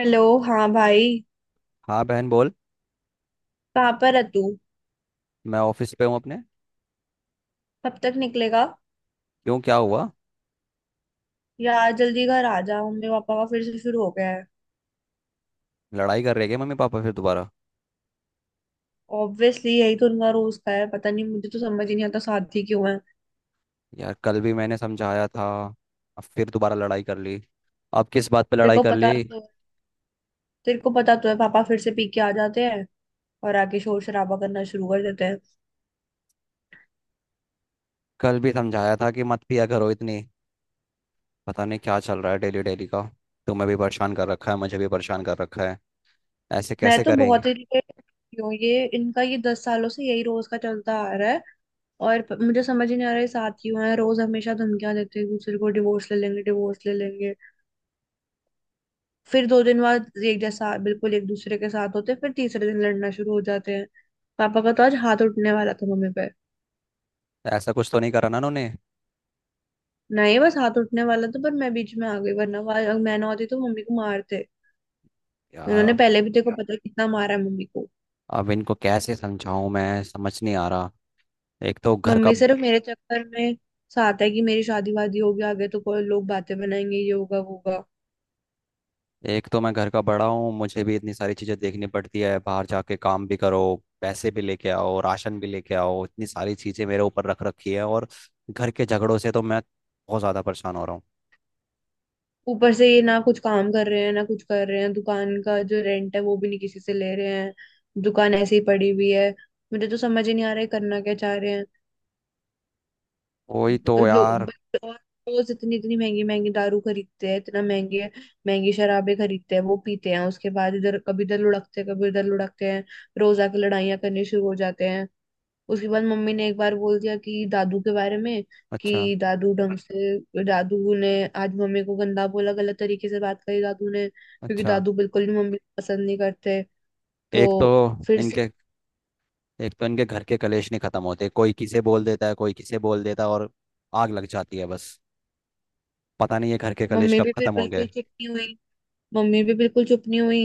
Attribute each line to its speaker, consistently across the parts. Speaker 1: Hello. हाँ भाई
Speaker 2: हाँ बहन बोल।
Speaker 1: कहाँ पर है तू?
Speaker 2: मैं ऑफिस पे हूँ अपने।
Speaker 1: कब तक निकलेगा?
Speaker 2: क्यों क्या हुआ?
Speaker 1: यार जल्दी घर आ जा, मम्मी पापा का फिर से शुरू हो गया है।
Speaker 2: लड़ाई कर रहे क्या मम्मी पापा फिर दोबारा?
Speaker 1: ऑब्वियसली यही तो उनका रोज का है, पता नहीं, मुझे तो समझ ही नहीं आता साथी क्यों है।
Speaker 2: यार कल भी मैंने समझाया था। अब फिर दोबारा लड़ाई कर ली। अब किस बात पे
Speaker 1: तेरे
Speaker 2: लड़ाई
Speaker 1: को
Speaker 2: कर ली?
Speaker 1: पता तो तेरे को पता तो है पापा फिर से पी के आ जाते हैं और आके शोर शराबा करना शुरू कर देते हैं।
Speaker 2: कल भी समझाया था कि मत पिया करो इतनी। पता नहीं क्या चल रहा है डेली डेली का। तुम्हें भी परेशान कर रखा है, मुझे भी परेशान कर रखा है। ऐसे
Speaker 1: मैं
Speaker 2: कैसे
Speaker 1: तो
Speaker 2: करेंगे?
Speaker 1: बहुत इरिटेट हूँ, ये इनका ये 10 सालों से यही रोज का चलता आ रहा है और मुझे समझ ही नहीं आ रहा है ये साथ क्यों है। रोज हमेशा धमकियां देते हैं एक दूसरे को, डिवोर्स ले लेंगे डिवोर्स ले लेंगे, फिर दो दिन बाद एक जैसा बिल्कुल एक दूसरे के साथ होते, फिर तीसरे दिन लड़ना शुरू हो जाते हैं। पापा का तो आज हाथ उठने वाला था मम्मी पे।
Speaker 2: ऐसा कुछ तो नहीं करा ना उन्होंने?
Speaker 1: नहीं बस हाथ उठने वाला था, पर मैं बीच में आ गई, वरना वो अगर मैं ना होती तो मम्मी को मारते।
Speaker 2: यार
Speaker 1: उन्होंने
Speaker 2: अब
Speaker 1: पहले भी देखो पता है कितना मारा है मम्मी को।
Speaker 2: अब इनको कैसे समझाऊं, मैं समझ नहीं आ रहा। एक तो घर का
Speaker 1: मम्मी सिर्फ मेरे चक्कर में साथ है, कि मेरी शादी वादी होगी आगे तो कोई लोग बातें बनाएंगे, ये होगा वो होगा।
Speaker 2: एक तो मैं घर का बड़ा हूँ, मुझे भी इतनी सारी चीज़ें देखनी पड़ती है, बाहर जाके काम भी करो, पैसे भी लेके आओ, राशन भी लेके आओ, इतनी सारी चीज़ें मेरे ऊपर रख रखी है। और घर के झगड़ों से तो मैं बहुत ज़्यादा परेशान हो रहा हूँ।
Speaker 1: ऊपर से ये ना कुछ काम कर रहे हैं ना कुछ कर रहे हैं, दुकान का जो रेंट है वो भी नहीं किसी से ले रहे हैं, दुकान ऐसे ही पड़ी हुई है। मुझे तो समझ ही नहीं आ रहा है करना क्या चाह रहे हैं।
Speaker 2: वही
Speaker 1: ब-
Speaker 2: तो
Speaker 1: लो
Speaker 2: यार।
Speaker 1: ब- और रोज इतनी इतनी महंगी महंगी दारू खरीदते हैं, इतना महंगे महंगी शराबे खरीदते हैं, वो पीते हैं, उसके बाद इधर कभी इधर लुढ़कते हैं कभी उधर लुढ़कते हैं, रोज आके लड़ाइयाँ करनी शुरू हो जाते हैं। उसके बाद मम्मी ने एक बार बोल दिया कि दादू के बारे में,
Speaker 2: अच्छा।
Speaker 1: कि दादू ढंग से दादू ने आज मम्मी को गंदा बोला, गलत तरीके से बात करी दादू ने, क्योंकि
Speaker 2: अच्छा।
Speaker 1: दादू बिल्कुल भी मम्मी को पसंद नहीं करते।
Speaker 2: एक तो
Speaker 1: तो फिर से
Speaker 2: इनके एक तो इनके घर के कलेश नहीं ख़त्म होते, कोई किसे बोल देता है कोई किसे बोल देता है, और आग लग जाती है बस। पता नहीं ये घर के कलेश
Speaker 1: मम्मी
Speaker 2: कब
Speaker 1: भी फिर
Speaker 2: ख़त्म
Speaker 1: बिल्कुल
Speaker 2: होंगे।
Speaker 1: चिपकी हुई, मम्मी भी बिल्कुल चुप नहीं हुई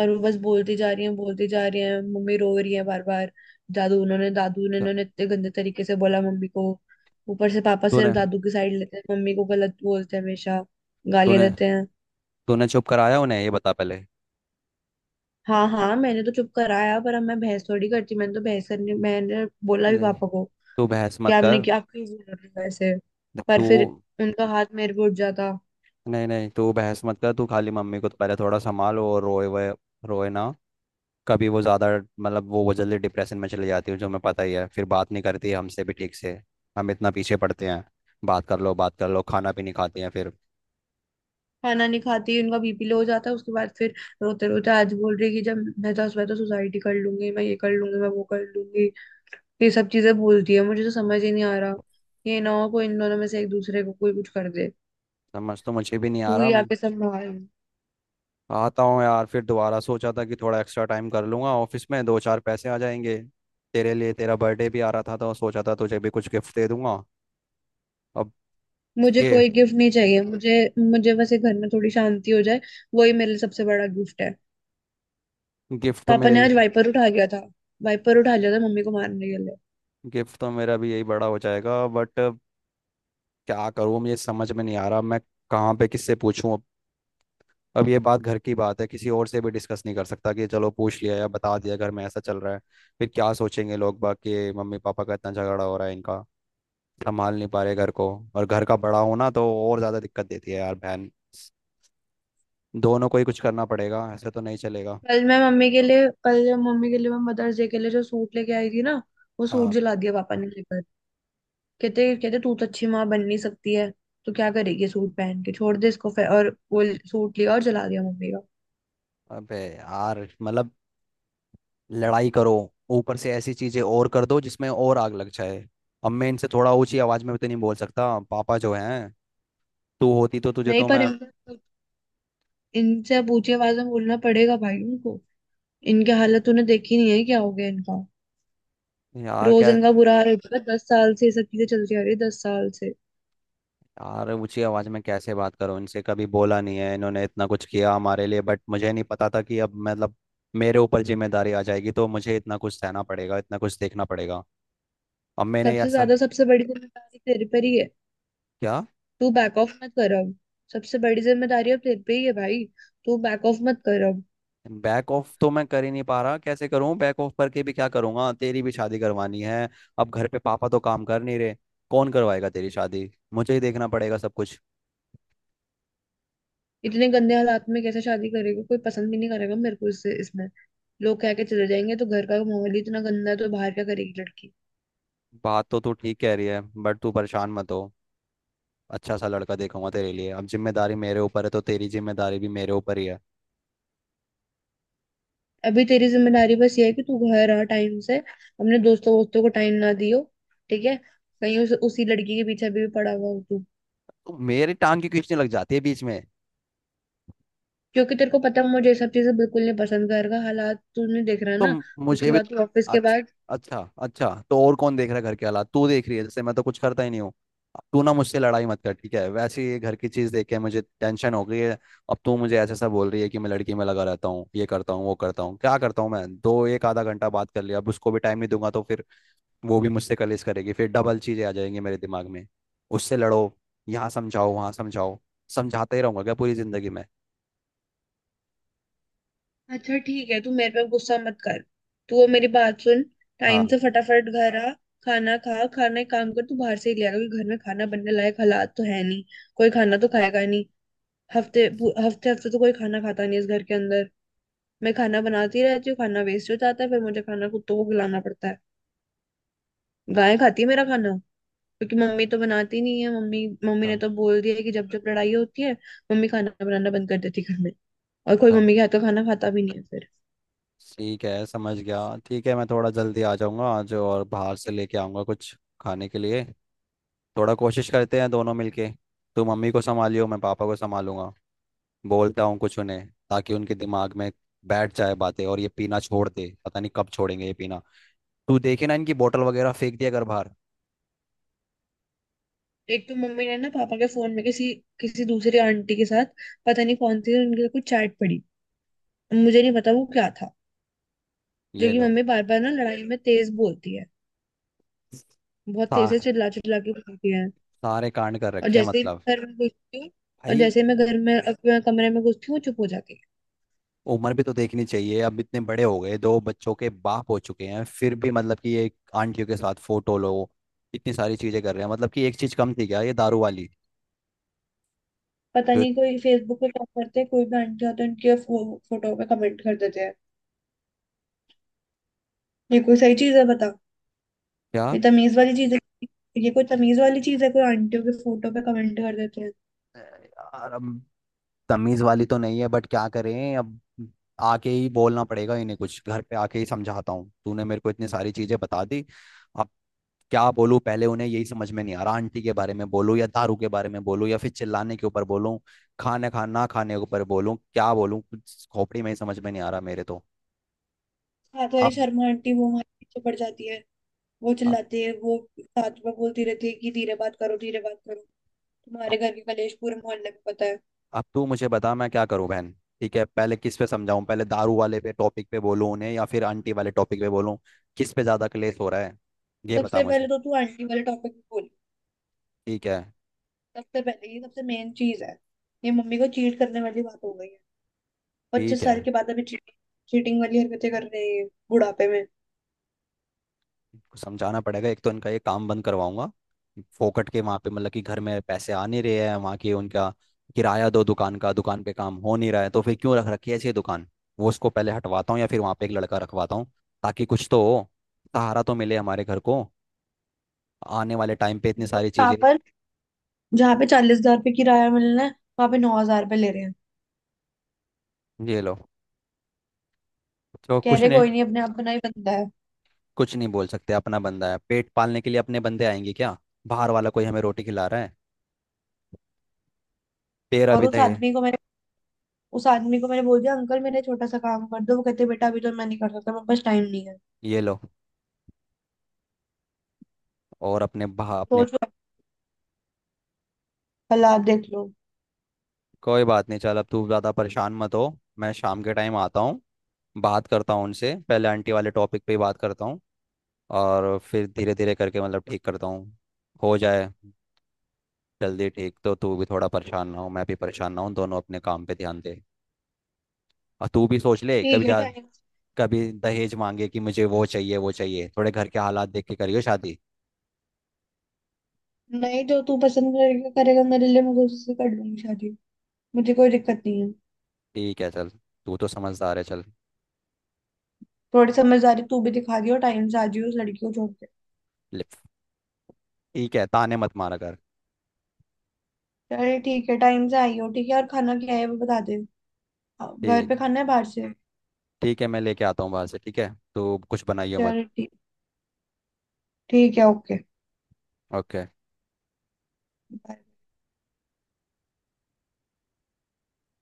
Speaker 1: और वो बस बोलती जा रही है बोलती जा रही है, मम्मी रो रही है बार बार। दादू ने
Speaker 2: क्या?
Speaker 1: उन्होंने इतने गंदे तरीके से बोला मम्मी को। ऊपर से पापा
Speaker 2: तूने
Speaker 1: सिर्फ दादू की साइड लेते हैं, मम्मी को गलत बोलते हैं हमेशा, गालियां
Speaker 2: तूने
Speaker 1: देते हैं।
Speaker 2: तूने चुप कराया उन्हें, ये बता पहले।
Speaker 1: हाँ हाँ मैंने तो चुप कराया, पर अब मैं बहस थोड़ी करती, मैंने तो बहस करने मैंने बोला भी
Speaker 2: नहीं,
Speaker 1: पापा को
Speaker 2: तू बहस
Speaker 1: कि
Speaker 2: मत
Speaker 1: आपने
Speaker 2: कर।
Speaker 1: क्या, आप क्यों बोल रहे हो ऐसे,
Speaker 2: देख,
Speaker 1: पर
Speaker 2: तू।
Speaker 1: फिर उनका हाथ मेरे पे उठ जाता।
Speaker 2: नहीं नहीं तू बहस मत कर, तू खाली मम्मी को तो पहले थोड़ा संभाल। और रोए वोए, रोए ना, कभी वो ज़्यादा, मतलब वो जल्दी डिप्रेशन में चली जाती है, जो हमें पता ही है, फिर बात नहीं करती है हमसे भी ठीक से। हम इतना पीछे पड़ते हैं, बात कर लो बात कर लो, खाना भी नहीं खाते हैं फिर।
Speaker 1: खाना नहीं खाती, उनका बीपी लो हो जाता है, उसके बाद फिर रोते रोते आज बोल रही है कि जब मैं 10 बार तो सुसाइड कर लूंगी, मैं ये कर लूंगी मैं वो कर लूंगी। ये सब चीजें बोलती है, मुझे तो समझ ही नहीं आ रहा ये ना हो कोई इन दोनों में से एक दूसरे को कोई कुछ कर दे।
Speaker 2: समझ तो मुझे भी नहीं आ
Speaker 1: तू
Speaker 2: रहा
Speaker 1: ही आके संभाल।
Speaker 2: आता हूँ यार, फिर दोबारा सोचा था कि थोड़ा एक्स्ट्रा टाइम कर लूँगा ऑफिस में, दो चार पैसे आ जाएंगे। तेरे लिए तेरा बर्थडे भी आ रहा था तो सोचा था तुझे भी कुछ गिफ्ट दे दूंगा। अब
Speaker 1: मुझे
Speaker 2: ये
Speaker 1: कोई गिफ्ट नहीं चाहिए, मुझे, मुझे बस ये घर में थोड़ी शांति हो जाए, वही मेरे लिए सबसे बड़ा गिफ्ट है।
Speaker 2: गिफ्ट तो
Speaker 1: पापा
Speaker 2: मेरे
Speaker 1: ने आज
Speaker 2: लिए
Speaker 1: वाइपर उठा गया था वाइपर उठा लिया था मम्मी को मारने के लिए।
Speaker 2: गिफ्ट तो मेरा भी यही बड़ा हो जाएगा, बट क्या करूँ, मुझे समझ में नहीं आ रहा। मैं कहाँ पे किससे पूछूं अब? अब ये बात घर की बात है, किसी और से भी डिस्कस नहीं कर सकता कि चलो पूछ लिया या बता दिया घर में ऐसा चल रहा है। फिर क्या सोचेंगे लोग, बाकी मम्मी पापा का इतना झगड़ा हो रहा है इनका, संभाल नहीं पा रहे घर को। और घर का बड़ा होना तो और ज़्यादा दिक्कत देती है यार बहन। दोनों को ही कुछ करना पड़ेगा, ऐसे तो नहीं चलेगा।
Speaker 1: कल जब मम्मी के लिए मैं मदर्स डे के लिए जो सूट लेके आई थी ना, वो सूट
Speaker 2: हाँ।
Speaker 1: जला दिया पापा ने लेकर। कहते कहते तू तो अच्छी माँ बन नहीं सकती है, तो क्या करेगी सूट पहन के, छोड़ दे इसको, फिर और वो सूट लिया और जला दिया मम्मी का।
Speaker 2: अबे यार मतलब, लड़ाई करो, ऊपर से ऐसी चीजें और कर दो जिसमें और आग लग जाए। अब मैं इनसे थोड़ा ऊंची आवाज में भी तो नहीं बोल सकता, पापा जो हैं। तू होती तो तुझे
Speaker 1: नहीं
Speaker 2: तो
Speaker 1: पर
Speaker 2: मैं,
Speaker 1: इनसे इनसे पूछे आवाज में बोलना पड़ेगा भाई उनको, इनकी हालत तूने देखी नहीं है क्या हो गया इनका।
Speaker 2: यार
Speaker 1: रोज
Speaker 2: क्या,
Speaker 1: इनका बुरा हाल होता है, 10 साल से ये सब चीजें चलती आ रही है, 10 साल से।
Speaker 2: यार ऊंची आवाज में कैसे बात करूं इनसे, कभी बोला नहीं है, इन्होंने इतना कुछ किया हमारे लिए, बट मुझे नहीं पता था कि अब मतलब मेरे ऊपर जिम्मेदारी आ जाएगी तो मुझे इतना कुछ सहना पड़ेगा, इतना कुछ देखना पड़ेगा। अब मैंने
Speaker 1: सबसे
Speaker 2: ऐसा
Speaker 1: ज्यादा सबसे बड़ी जिम्मेदारी तेरे पर ही है,
Speaker 2: क्या?
Speaker 1: तू बैक ऑफ मत कर अब। सबसे बड़ी जिम्मेदारी अब तेरे पे ही है भाई, तू बैक ऑफ मत कर अब।
Speaker 2: बैक ऑफ तो मैं कर ही नहीं पा रहा, कैसे करूं बैक ऑफ करके भी, क्या करूंगा? तेरी भी शादी करवानी है। अब घर पे पापा तो काम कर नहीं रहे, कौन करवाएगा तेरी शादी? मुझे ही देखना पड़ेगा सब कुछ।
Speaker 1: इतने गंदे हालात में कैसे शादी करेगा, कोई पसंद भी नहीं करेगा मेरे को इससे इसमें, लोग कह के चले जाएंगे तो घर का माहौल ही इतना गंदा है, तो बाहर क्या करेगी लड़की।
Speaker 2: बात तो तू ठीक कह रही है, बट तू परेशान मत हो। अच्छा सा लड़का देखूंगा तेरे लिए, अब जिम्मेदारी मेरे ऊपर है तो तेरी जिम्मेदारी भी मेरे ऊपर ही है।
Speaker 1: अभी तेरी जिम्मेदारी बस ये है कि तू घर आ टाइम से, अपने दोस्तों वोस्तों को टाइम ना दियो, ठीक है। कहीं उसी लड़की के पीछे भी पड़ा हुआ हो तू,
Speaker 2: तो मेरी टांग की खींचने लग जाती है बीच में।
Speaker 1: क्योंकि तेरे को पता है मुझे ये सब चीजें बिल्कुल नहीं पसंद, घर का हालात तूने देख रहा है
Speaker 2: तो
Speaker 1: ना।
Speaker 2: मुझे
Speaker 1: उसके
Speaker 2: भी
Speaker 1: बाद
Speaker 2: तो,
Speaker 1: तू ऑफिस के
Speaker 2: अच्छा,
Speaker 1: बाद।
Speaker 2: अच्छा अच्छा, तो और कौन देख रहा है घर के हालात, तू देख रही है जैसे मैं तो कुछ करता ही नहीं हूँ। तू ना मुझसे लड़ाई मत कर, ठीक है? वैसे ये घर की चीज़ देख के मुझे टेंशन हो गई है। अब तू मुझे ऐसे ऐसा बोल रही है कि मैं लड़की में लगा रहता हूँ, ये करता हूँ, वो करता हूँ, क्या करता हूँ, मैं दो एक आधा घंटा बात कर लिया, अब उसको भी टाइम नहीं दूंगा तो फिर वो भी मुझसे कलेश करेगी, फिर डबल चीज़ें आ जाएंगी मेरे दिमाग में। उससे लड़ो, यहाँ समझाओ, वहाँ समझाओ, समझाता ही रहूंगा क्या पूरी जिंदगी में?
Speaker 1: अच्छा ठीक है, तू मेरे पे गुस्सा मत कर, तू वो मेरी बात सुन,
Speaker 2: हाँ।
Speaker 1: टाइम से फटाफट घर आ, खाना खा। खाना एक काम कर तू बाहर से ही ले आ, क्योंकि घर में खाना बनने लायक हालात तो है नहीं, कोई खाना तो खाएगा नहीं।
Speaker 2: अच्छा,
Speaker 1: हफ्ते हफ्ते तो कोई खाना खाता नहीं इस घर के अंदर, मैं खाना बनाती रहती हूँ, खाना वेस्ट हो जाता है, फिर मुझे खाना कुत्तों को खिलाना पड़ता है, गाय खाती है मेरा खाना। क्योंकि मम्मी तो बनाती नहीं है, मम्मी मम्मी ने तो बोल दिया है कि जब जब लड़ाई होती है मम्मी खाना बनाना बंद कर देती है घर में, और कोई
Speaker 2: अच्छा।
Speaker 1: मम्मी के हाथ का खाना खाता भी नहीं है फिर।
Speaker 2: ठीक है, समझ गया। ठीक है, मैं थोड़ा जल्दी आ जाऊंगा आज और बाहर से लेके आऊंगा कुछ खाने के लिए। थोड़ा कोशिश करते हैं दोनों मिलके, तू मम्मी को संभालियो, मैं पापा को संभालूंगा। बोलता हूँ कुछ उन्हें ताकि उनके दिमाग में बैठ जाए बातें, और ये पीना छोड़ दे, पता नहीं कब छोड़ेंगे ये पीना। तू देखे ना इनकी बोतल वगैरह फेंक दिया कर बाहर।
Speaker 1: एक तो मम्मी ने ना पापा के फोन में किसी किसी दूसरी आंटी के साथ, पता नहीं कौन थी उनके साथ, कुछ चैट पड़ी, मुझे नहीं पता वो क्या था, जो
Speaker 2: ये
Speaker 1: कि
Speaker 2: लो।
Speaker 1: मम्मी बार बार ना लड़ाई में तेज बोलती है,
Speaker 2: सा,
Speaker 1: बहुत तेज से चिल्ला चिल्ला के बोलती है।
Speaker 2: सारे कांड कर
Speaker 1: और
Speaker 2: रखे हैं
Speaker 1: जैसे ही
Speaker 2: मतलब।
Speaker 1: मैं घर में घुसती हूँ और
Speaker 2: भाई
Speaker 1: जैसे ही मैं घर में अपने कमरे में घुसती हूँ वो चुप हो जाती है।
Speaker 2: उम्र भी तो देखनी चाहिए, अब इतने बड़े हो गए, दो बच्चों के बाप हो चुके हैं, फिर भी मतलब कि ये आंटियों के साथ फोटो लो, इतनी सारी चीजें कर रहे हैं, मतलब कि एक चीज कम थी क्या ये दारू वाली?
Speaker 1: पता
Speaker 2: जो
Speaker 1: नहीं कोई फेसबुक पे टॉप करते हैं, कोई भी आंटी होती है उनके फोटो पे कमेंट कर देते हैं, ये कोई सही चीज है बता?
Speaker 2: क्या,
Speaker 1: ये तमीज वाली चीज है? ये कोई तमीज वाली चीज है कोई आंटियों के फोटो पे कमेंट कर देते हैं?
Speaker 2: यार अब तमीज वाली तो नहीं है, बट क्या करें अब? आके ही बोलना पड़ेगा इन्हें कुछ, घर पे आके ही समझाता हूँ, तूने मेरे को इतनी सारी चीजें बता दी। अब क्या बोलूं पहले उन्हें, यही समझ में नहीं आ रहा, आंटी के बारे में बोलूं या दारू के बारे में बोलूं या फिर चिल्लाने के ऊपर बोलूं, खाने खा ना खाने के ऊपर बोलूं, क्या बोलूं, कुछ खोपड़ी में ही समझ में नहीं आ रहा मेरे तो।
Speaker 1: हाथ वाली
Speaker 2: अब
Speaker 1: शर्मा आंटी वो हमारे पीछे पड़ जाती है, वो
Speaker 2: अब
Speaker 1: चिल्लाती है, वो साथ में बोलती रहती है कि धीरे बात करो धीरे बात करो,
Speaker 2: अब
Speaker 1: तुम्हारे घर के कलेश पूरे मोहल्ले में पता है।
Speaker 2: अब तू मुझे बता, मैं क्या करूं बहन? ठीक है, पहले किस पे समझाऊं? पहले दारू वाले पे टॉपिक पे बोलूं उन्हें या फिर आंटी वाले टॉपिक पे बोलूं? किस पे ज्यादा क्लेश हो रहा है, ये बता
Speaker 1: सबसे
Speaker 2: मुझे।
Speaker 1: पहले तो तू आंटी वाले टॉपिक पे बोल,
Speaker 2: ठीक है।
Speaker 1: सबसे पहले ये सबसे मेन चीज है, ये मम्मी को चीट करने वाली बात हो गई है। पच्चीस
Speaker 2: ठीक है।
Speaker 1: साल के बाद अभी चीटिंग, चीटिंग वाली हरकतें कर रहे हैं बुढ़ापे में।
Speaker 2: इनको समझाना पड़ेगा, एक तो इनका ये काम बंद करवाऊंगा फोकट के, वहाँ पे मतलब कि घर में पैसे आ नहीं रहे हैं, वहाँ के उनका किराया दो, दुकान का दुकान पे काम हो नहीं रहा है तो फिर क्यों रख रखी है ऐसी ये दुकान? वो उसको पहले हटवाता हूँ या फिर वहाँ पे एक लड़का रखवाता हूँ, ताकि कुछ तो हो, सहारा तो मिले हमारे घर को आने वाले टाइम पे इतनी सारी
Speaker 1: जहाँ
Speaker 2: चीज़ें।
Speaker 1: पर जहाँ पे 40 हजार रुपये किराया मिलना है वहां पे 9 हजार रुपये ले रहे हैं,
Speaker 2: ये लो। तो
Speaker 1: कह
Speaker 2: कुछ
Speaker 1: रहे
Speaker 2: नहीं,
Speaker 1: कोई नहीं अपने अपना ही बंदा है।
Speaker 2: कुछ नहीं बोल सकते, अपना बंदा है, पेट पालने के लिए अपने बंदे आएंगे क्या? बाहर वाला कोई हमें रोटी खिला रहा है? तेरा
Speaker 1: और
Speaker 2: भी दे।
Speaker 1: उस आदमी को मैंने बोल दिया, अंकल मेरा छोटा सा काम कर दो, वो कहते बेटा अभी तो मैं नहीं कर सकता, मेरे पास टाइम नहीं है।
Speaker 2: ये लो। और अपने
Speaker 1: सोचो, कल आप देख लो।
Speaker 2: कोई बात नहीं, चल अब तू ज़्यादा परेशान मत हो। मैं शाम के टाइम आता हूँ, बात करता हूँ उनसे, पहले आंटी वाले टॉपिक पे ही बात करता हूँ और फिर धीरे धीरे करके मतलब ठीक करता हूँ। हो जाए जल्दी ठीक तो तू भी थोड़ा परेशान ना हो, मैं भी परेशान ना हूँ, दोनों अपने काम पे ध्यान दे। और तू भी सोच ले,
Speaker 1: ठीक
Speaker 2: कभी
Speaker 1: है
Speaker 2: जा,
Speaker 1: टाइम,
Speaker 2: कभी दहेज मांगे कि मुझे वो चाहिए वो चाहिए, थोड़े घर के हालात देख के करियो शादी।
Speaker 1: नहीं जो तू पसंद करेगा, करेगा मेरे लिए, मैं उससे कर लूंगी शादी, मुझे कोई दिक्कत नहीं है।
Speaker 2: ठीक है चल, तू तो समझदार है चल।
Speaker 1: थोड़ी समझदारी तू भी दिखा दियो, टाइम से आ जियो, उस लड़की को छोड़ के।
Speaker 2: ले- ठीक है, ताने मत मारा कर।
Speaker 1: चल ठीक है, टाइम से आई हो, ठीक है, और खाना क्या है वो बता दे। हाँ, घर
Speaker 2: ठीक,
Speaker 1: पे खाना है बाहर से।
Speaker 2: ठीक है, मैं लेके आता हूँ बाहर से, ठीक है, तू कुछ बनाइयो मत।
Speaker 1: चल ठीक, ठीक है, ओके।
Speaker 2: ओके।